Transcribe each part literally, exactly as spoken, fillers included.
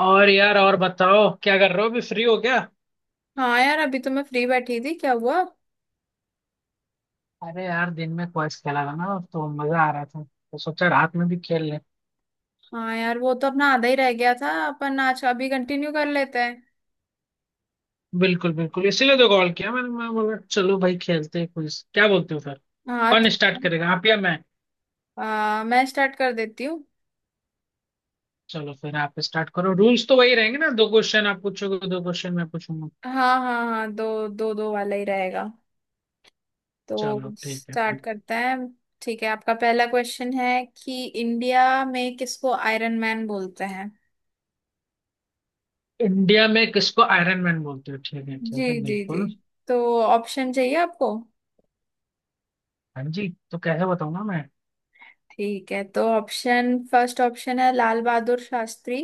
और यार, और बताओ क्या कर रहे हो? अभी फ्री हो क्या? हाँ यार, अभी तो मैं फ्री बैठी थी। क्या हुआ? अरे यार, दिन में क्वेस्ट खेला था ना, तो मजा आ रहा था। तो सोचा रात में भी खेल लें। हाँ यार, वो तो अपना आधा ही रह गया था। अपन आज अभी कंटिन्यू कर लेते हैं। बिल्कुल बिल्कुल, इसीलिए तो कॉल किया मैंने। मैं बोला, चलो भाई खेलते हैं क्विज, क्या बोलते हो फिर? हाँ कौन ठीक स्टार्ट करेगा, आप या मैं? है। आ, मैं स्टार्ट कर देती हूँ। चलो फिर आप स्टार्ट करो। रूल्स तो वही रहेंगे ना, दो क्वेश्चन आप पूछोगे, दो क्वेश्चन मैं पूछूंगा। हाँ हाँ हाँ, दो दो दो वाला ही रहेगा। चलो तो ठीक है स्टार्ट फिर। करते हैं। ठीक है, आपका पहला क्वेश्चन है कि इंडिया में किसको आयरन मैन बोलते हैं? इंडिया में किसको आयरन मैन बोलते हो? ठीक है, जी ठीक है, जी जी। बिल्कुल। तो ऑप्शन चाहिए आपको? हाँ जी, तो कैसे बताऊंगा मैं? ठीक है, तो ऑप्शन, फर्स्ट ऑप्शन है लाल बहादुर शास्त्री।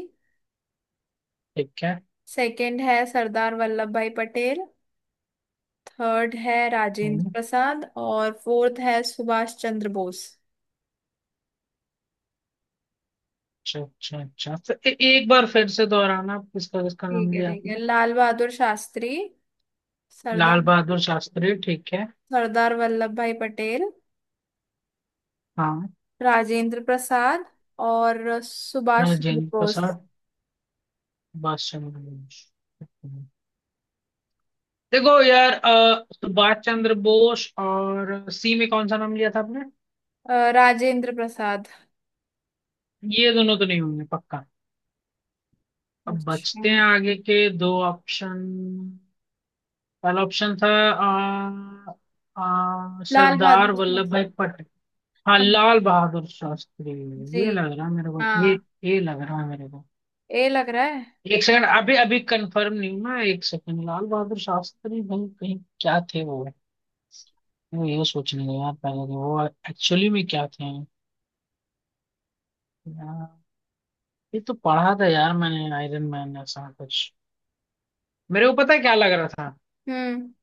ठीक है। सेकंड है सरदार वल्लभ भाई पटेल। थर्ड है राजेंद्र हम्म। प्रसाद और फोर्थ है सुभाष चंद्र बोस। अच्छा अच्छा अच्छा, तो ए, एक बार फिर से दोहराना, किसका किसका ठीक नाम है लिया ठीक है। आपने? लाल बहादुर शास्त्री, लाल सरदार बहादुर शास्त्री, ठीक है। सरदार वल्लभ भाई पटेल, हाँ। राजेंद्र प्रसाद और सुभाष चंद्र राजेंद्र बोस। प्रसाद। सुभाष चंद्र बोस। देखो यार, अ, सुभाष चंद्र बोस और सी में कौन सा नाम लिया था आपने? अ, राजेंद्र प्रसाद। ये दोनों तो नहीं होंगे पक्का। अब अच्छा, बचते हैं आगे के दो ऑप्शन। पहला ऑप्शन था अ, अ, लाल बहादुर सरदार वल्लभ शास्त्री, भाई। हाँ, हाँ, लाल बहादुर शास्त्री। जी ये लग रहा है मेरे को, ये। हाँ। ये लग रहा है मेरे को। ए लग रहा है। एक सेकंड, अभी अभी कंफर्म नहीं हूँ ना। एक सेकंड, लाल बहादुर शास्त्री भाई कहीं क्या थे वो? वो ये सोचने लगा यार पहले कि वो एक्चुअली में क्या थे। यार, ये तो पढ़ा था यार मैंने आयरन मैन, ऐसा कुछ। मेरे को पता है क्या लग रहा था। हम्म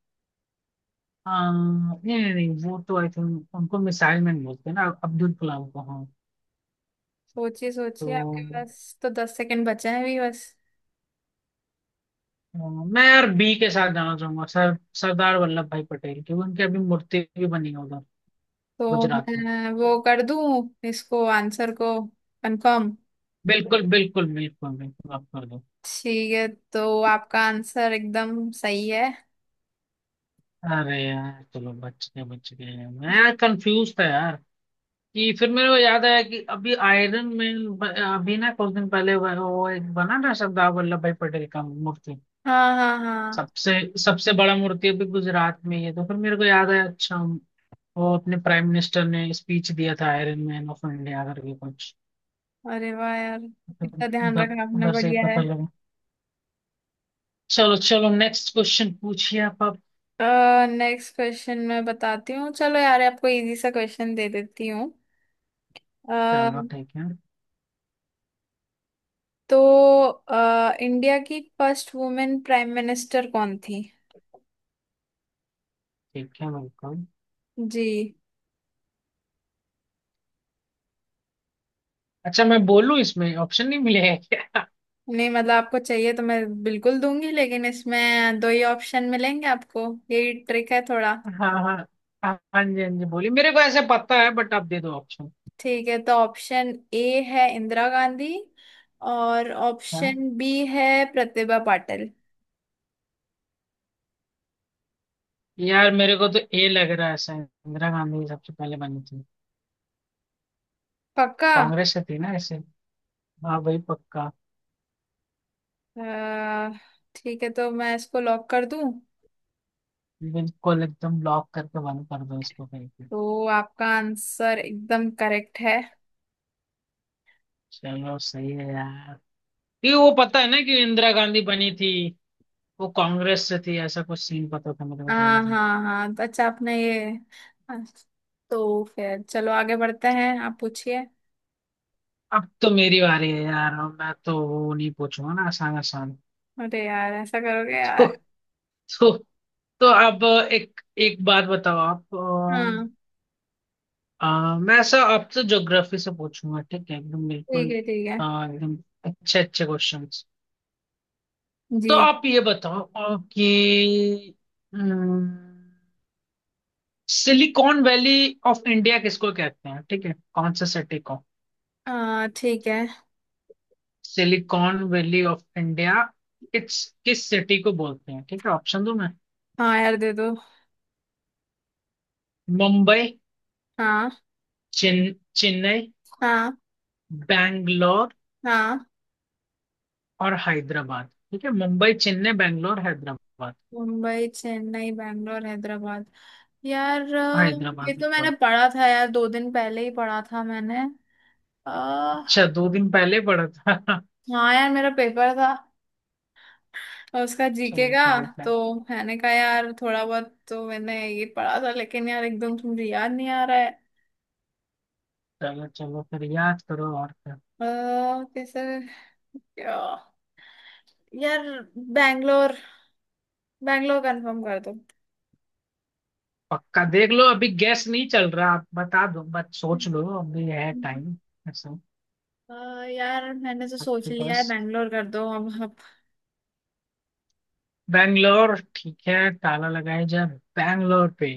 आ, नहीं नहीं नहीं, वो तो आई थिंक उनको मिसाइल मैन बोलते हैं ना, अब्दुल कलाम को। हाँ, सोचिए सोचिए, आपके तो पास तो दस सेकंड बचे हैं भी बस। हाँ, मैं यार बी के साथ जाना चाहूंगा। सर सरदार वल्लभ भाई पटेल की उनकी अभी मूर्ति भी बनी है उधर, तो गुजरात में। मैं वो कर दूं इसको, आंसर को कंफर्म? बिल्कुल बिल्कुल बिल्कुल बिल्कुल, आप कर दो। ठीक है, तो आपका आंसर एकदम सही है। अरे यार चलो, बच गए, बच गए। मैं यार कंफ्यूज था यार। कि फिर मेरे को याद आया कि अभी आयरन मैन ब- अभी ना कुछ दिन पहले वो वो एक बना ना, सरदार वल्लभ भाई पटेल का मूर्ति। हाँ हाँ हाँ। सबसे सबसे बड़ा मूर्ति अभी गुजरात में ही है, तो फिर मेरे को याद आया। अच्छा, वो अपने प्राइम मिनिस्टर ने स्पीच दिया था, आयरन मैन ऑफ इंडिया करके कुछ। अरे वाह यार, तो इतना ध्यान उधर रखना आपने, उधर से ही बढ़िया है। पता लगा। चलो चलो, नेक्स्ट क्वेश्चन पूछिए आप अब। नेक्स्ट क्वेश्चन मैं बताती हूँ। चलो यार, आपको इजी सा क्वेश्चन दे देती हूँ। अ, चलो ठीक है। तो अ, इंडिया की फर्स्ट वुमेन प्राइम मिनिस्टर कौन थी? ठीक है, बिल्कुल। जी। अच्छा मैं बोलूं, इसमें ऑप्शन नहीं मिलेगा क्या? नहीं मतलब आपको चाहिए तो मैं बिल्कुल दूंगी, लेकिन इसमें दो ही ऑप्शन मिलेंगे आपको। यही ट्रिक है थोड़ा। हाँ हाँ हाँ। हाँ जी, हाँ जी, बोलिए। मेरे को ऐसे पता है, बट आप दे दो ऑप्शन। ठीक है, तो ऑप्शन ए है इंदिरा गांधी। और हाँ ऑप्शन बी है प्रतिभा पाटिल। यार, मेरे को तो ए लग रहा है, शायद इंदिरा गांधी सबसे पहले बनी थी। पक्का? कांग्रेस से थी ना ऐसे। हाँ भाई, पक्का। अ, ठीक है, तो मैं इसको लॉक कर दूं? बिल्कुल एकदम, ब्लॉक करके बंद कर दो इसको कहीं पे। तो आपका आंसर एकदम करेक्ट है। चलो सही है यार। ये वो पता है ना कि इंदिरा गांधी बनी थी। वो कांग्रेस से थी, ऐसा कुछ सीन पता था मेरे को पहले हाँ से। हाँ हाँ, तो अच्छा आपने ये, हाँ, तो फिर चलो आगे बढ़ते हैं, आप पूछिए। अब तो मेरी बारी है यार। अब मैं तो वो नहीं पूछूंगा ना, आसान आसान। अरे यार, ऐसा करोगे तो यार? तो तो अब एक एक बात बताओ आप। हाँ अ, अ, मैं ऐसा आपसे ज्योग्राफी से पूछूंगा, ठीक है, एकदम बिल्कुल। ठीक है ठीक है। अ, एकदम अच्छे अच्छे क्वेश्चंस। जी। तो आप ये बताओ अ, कि सिलिकॉन वैली ऑफ इंडिया किसको कहते हैं? ठीक है, कौन से सिटी को? आ ठीक है। सिलिकॉन वैली ऑफ इंडिया किस किस सिटी को बोलते हैं? ठीक है, ऑप्शन दो मैं। हाँ यार, दे दो। मुंबई, हाँ चेन- चेन्नई, हाँ बैंगलोर हाँ, और हैदराबाद। ठीक है, मुंबई चेन्नई बैंगलोर हैदराबाद। मुंबई चेन्नई बैंगलोर हैदराबाद। यार, अ, ये हैदराबाद तो मैंने बिल्कुल। पढ़ा था यार, दो दिन पहले ही पढ़ा था मैंने। आ, अच्छा, दो दिन पहले पढ़ा था। हाँ यार, मेरा पेपर था। और उसका जी के चलो का। चलो फिर। तो मैंने कहा यार, थोड़ा बहुत तो मैंने ये पढ़ा था, लेकिन यार एकदम तुम याद नहीं आ रहा है। चलो चलो फिर याद करो, और क्या। अ, कैसे? क्या यार? बैंगलोर, बैंगलोर कंफर्म कर दो। पक्का देख लो, अभी गैस नहीं चल रहा, आप बता दो बस, सोच लो, अभी है टाइम ऐसा। अ, यार, मैंने तो सोच आपके लिया है, पास बैंगलोर कर दो अब अब। बैंगलोर, ठीक है, ताला लगाया जाए बैंगलोर पे।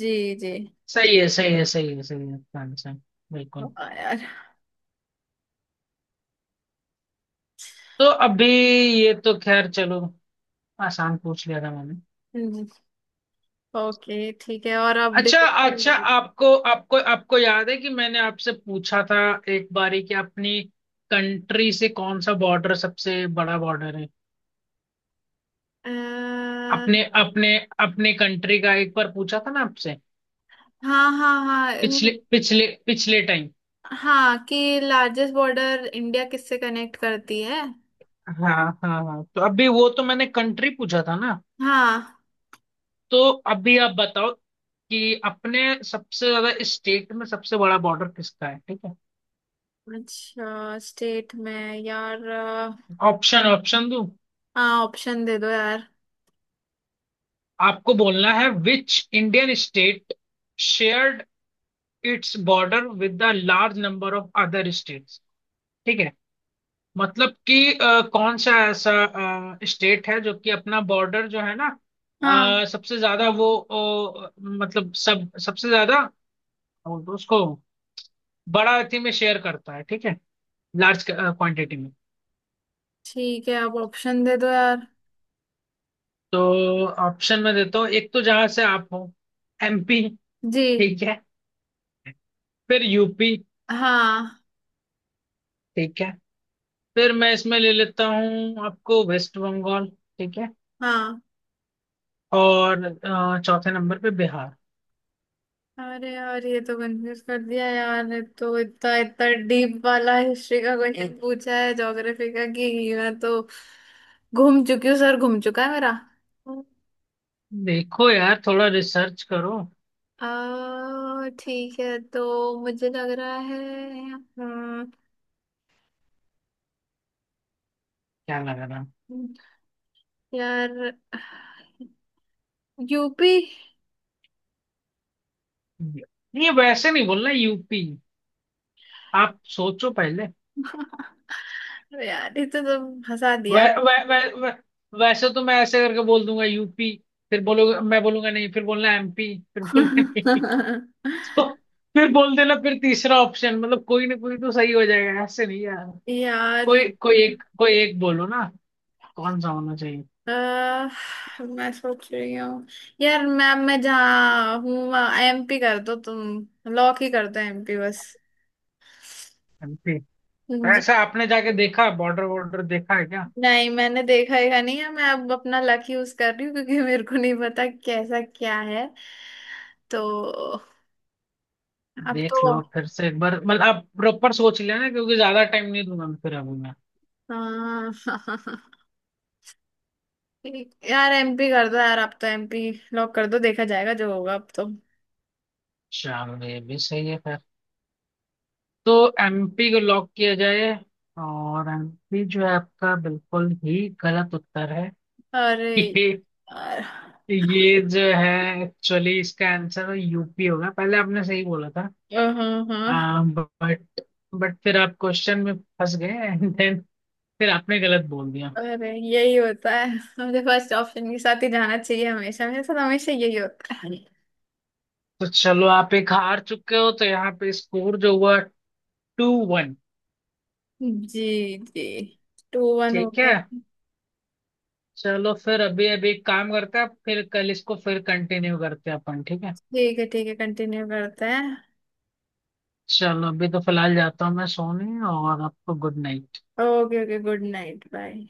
जी जी। सही है सही है सही है सही है, आपका आंसर बिल्कुल। हाँ यार। तो अभी ये तो खैर चलो, आसान पूछ लिया था मैंने। ओके ठीक है। और अब अच्छा, डिस- अच्छा, आपको आपको आपको याद है कि मैंने आपसे पूछा था एक बारी, कि अपनी कंट्री से कौन सा बॉर्डर सबसे बड़ा बॉर्डर है? अ, अपने अपने अपने कंट्री का एक बार पूछा था ना आपसे, हाँ हाँ हाँ, पिछले इन- पिछले पिछले टाइम। हाँ, कि लार्जेस्ट बॉर्डर इंडिया किससे कनेक्ट करती है। हाँ हाँ हाँ, तो अभी वो तो मैंने कंट्री पूछा था ना, हाँ, तो अभी आप बताओ कि अपने सबसे ज्यादा स्टेट में, सबसे बड़ा बॉर्डर किसका है, ठीक है? अच्छा स्टेट में। यार, अ, ऑप्शन ऑप्शन दूं? हाँ, ऑप्शन दे दो यार। आपको बोलना है which Indian state shared its border with the large number of other states, ठीक है? मतलब कि अ, कौन सा ऐसा स्टेट है जो कि अपना बॉर्डर जो है ना, हाँ अ, सबसे ज्यादा वो अ, मतलब सब सबसे ज्यादा उसको बड़ा अथी में शेयर करता है, ठीक है, लार्ज क्वांटिटी में। ठीक है, अब ऑप्शन दे दो यार। तो ऑप्शन में देता हूँ, एक तो जहां से आप हो, एमपी, जी, ठीक है। फिर यूपी, हाँ ठीक है। फिर मैं इसमें ले लेता हूँ आपको, वेस्ट बंगाल, ठीक है। हाँ। और अ, चौथे नंबर पे बिहार। अरे यार, ये तो कंफ्यूज कर दिया यार। ये तो इतना इतना डीप वाला हिस्ट्री का क्वेश्चन पूछा है, ज्योग्राफी का, कि मैं तो घूम चुकी हूँ, सर घूम चुका है मेरा। देखो यार, थोड़ा रिसर्च करो। आ, ठीक है, तो मुझे लग रहा है। हम्म, क्या लग रहा है? यार यू पी। नहीं, वैसे नहीं बोलना यूपी, आप सोचो पहले। अरे यार, ये तो तुम हंसा वै, दिया। वै, वै, वै, वैसे तो मैं ऐसे करके बोल दूंगा यूपी, फिर बोलोगे, मैं बोलूंगा नहीं, फिर बोलना एमपी, फिर बोलना। तो फिर बोल देना फिर तीसरा ऑप्शन, मतलब कोई ना कोई तो सही हो जाएगा, ऐसे नहीं यार। यार, ये- कोई कोई एक कोई एक बोलो ना, कौन सा होना चाहिए? अ, मैं सोच रही हूँ। यार मैम, मैं जहाँ हूँ वहाँ एम पी कर दो तुम। लॉक ही कर दो एम पी बस। एमपी। तो ऐसा आपने जाके देखा, बॉर्डर वॉर्डर देखा है क्या? नहीं, मैंने देखा ही नहीं है। मैं अब अपना लक यूज कर रही हूँ, क्योंकि मेरे को नहीं पता कैसा क्या है। तो अब तो, देख लो फिर से एक बार, मतलब आप प्रॉपर सोच लेना, क्योंकि ज्यादा टाइम नहीं दूंगा मैं फिर अभी मैं। हाँ यार एम पी कर दो यार, अब तो एम पी लॉक कर दो, देखा जाएगा जो होगा अब तो। शाम, ये भी सही है फिर। तो एमपी को लॉक किया जाए। और एमपी जो है, आपका बिल्कुल ही गलत उत्तर है। अरे यार। ये जो है, एक्चुअली इसका आंसर यूपी होगा। पहले आपने सही बोला था। हाँ हाँ। आ, बट बट फिर आप क्वेश्चन में फंस गए, एंड देन फिर आपने गलत बोल दिया। अरे यही होता है, मुझे फर्स्ट ऑप्शन के साथ ही जाना चाहिए हमेशा। मेरे साथ हमेशा यही होता है। तो चलो, आप एक हार चुके हो, तो यहाँ पे स्कोर जो हुआ, टू वन। जी जी। टू वन हो ठीक है, गया। चलो फिर अभी अभी एक काम करते हैं, फिर कल इसको फिर कंटिन्यू करते हैं अपन, ठीक है। ठीक है ठीक है, कंटिन्यू करते हैं। चलो, अभी तो फिलहाल जाता हूँ मैं सोने, और आपको good night. Okay okay, good night bye.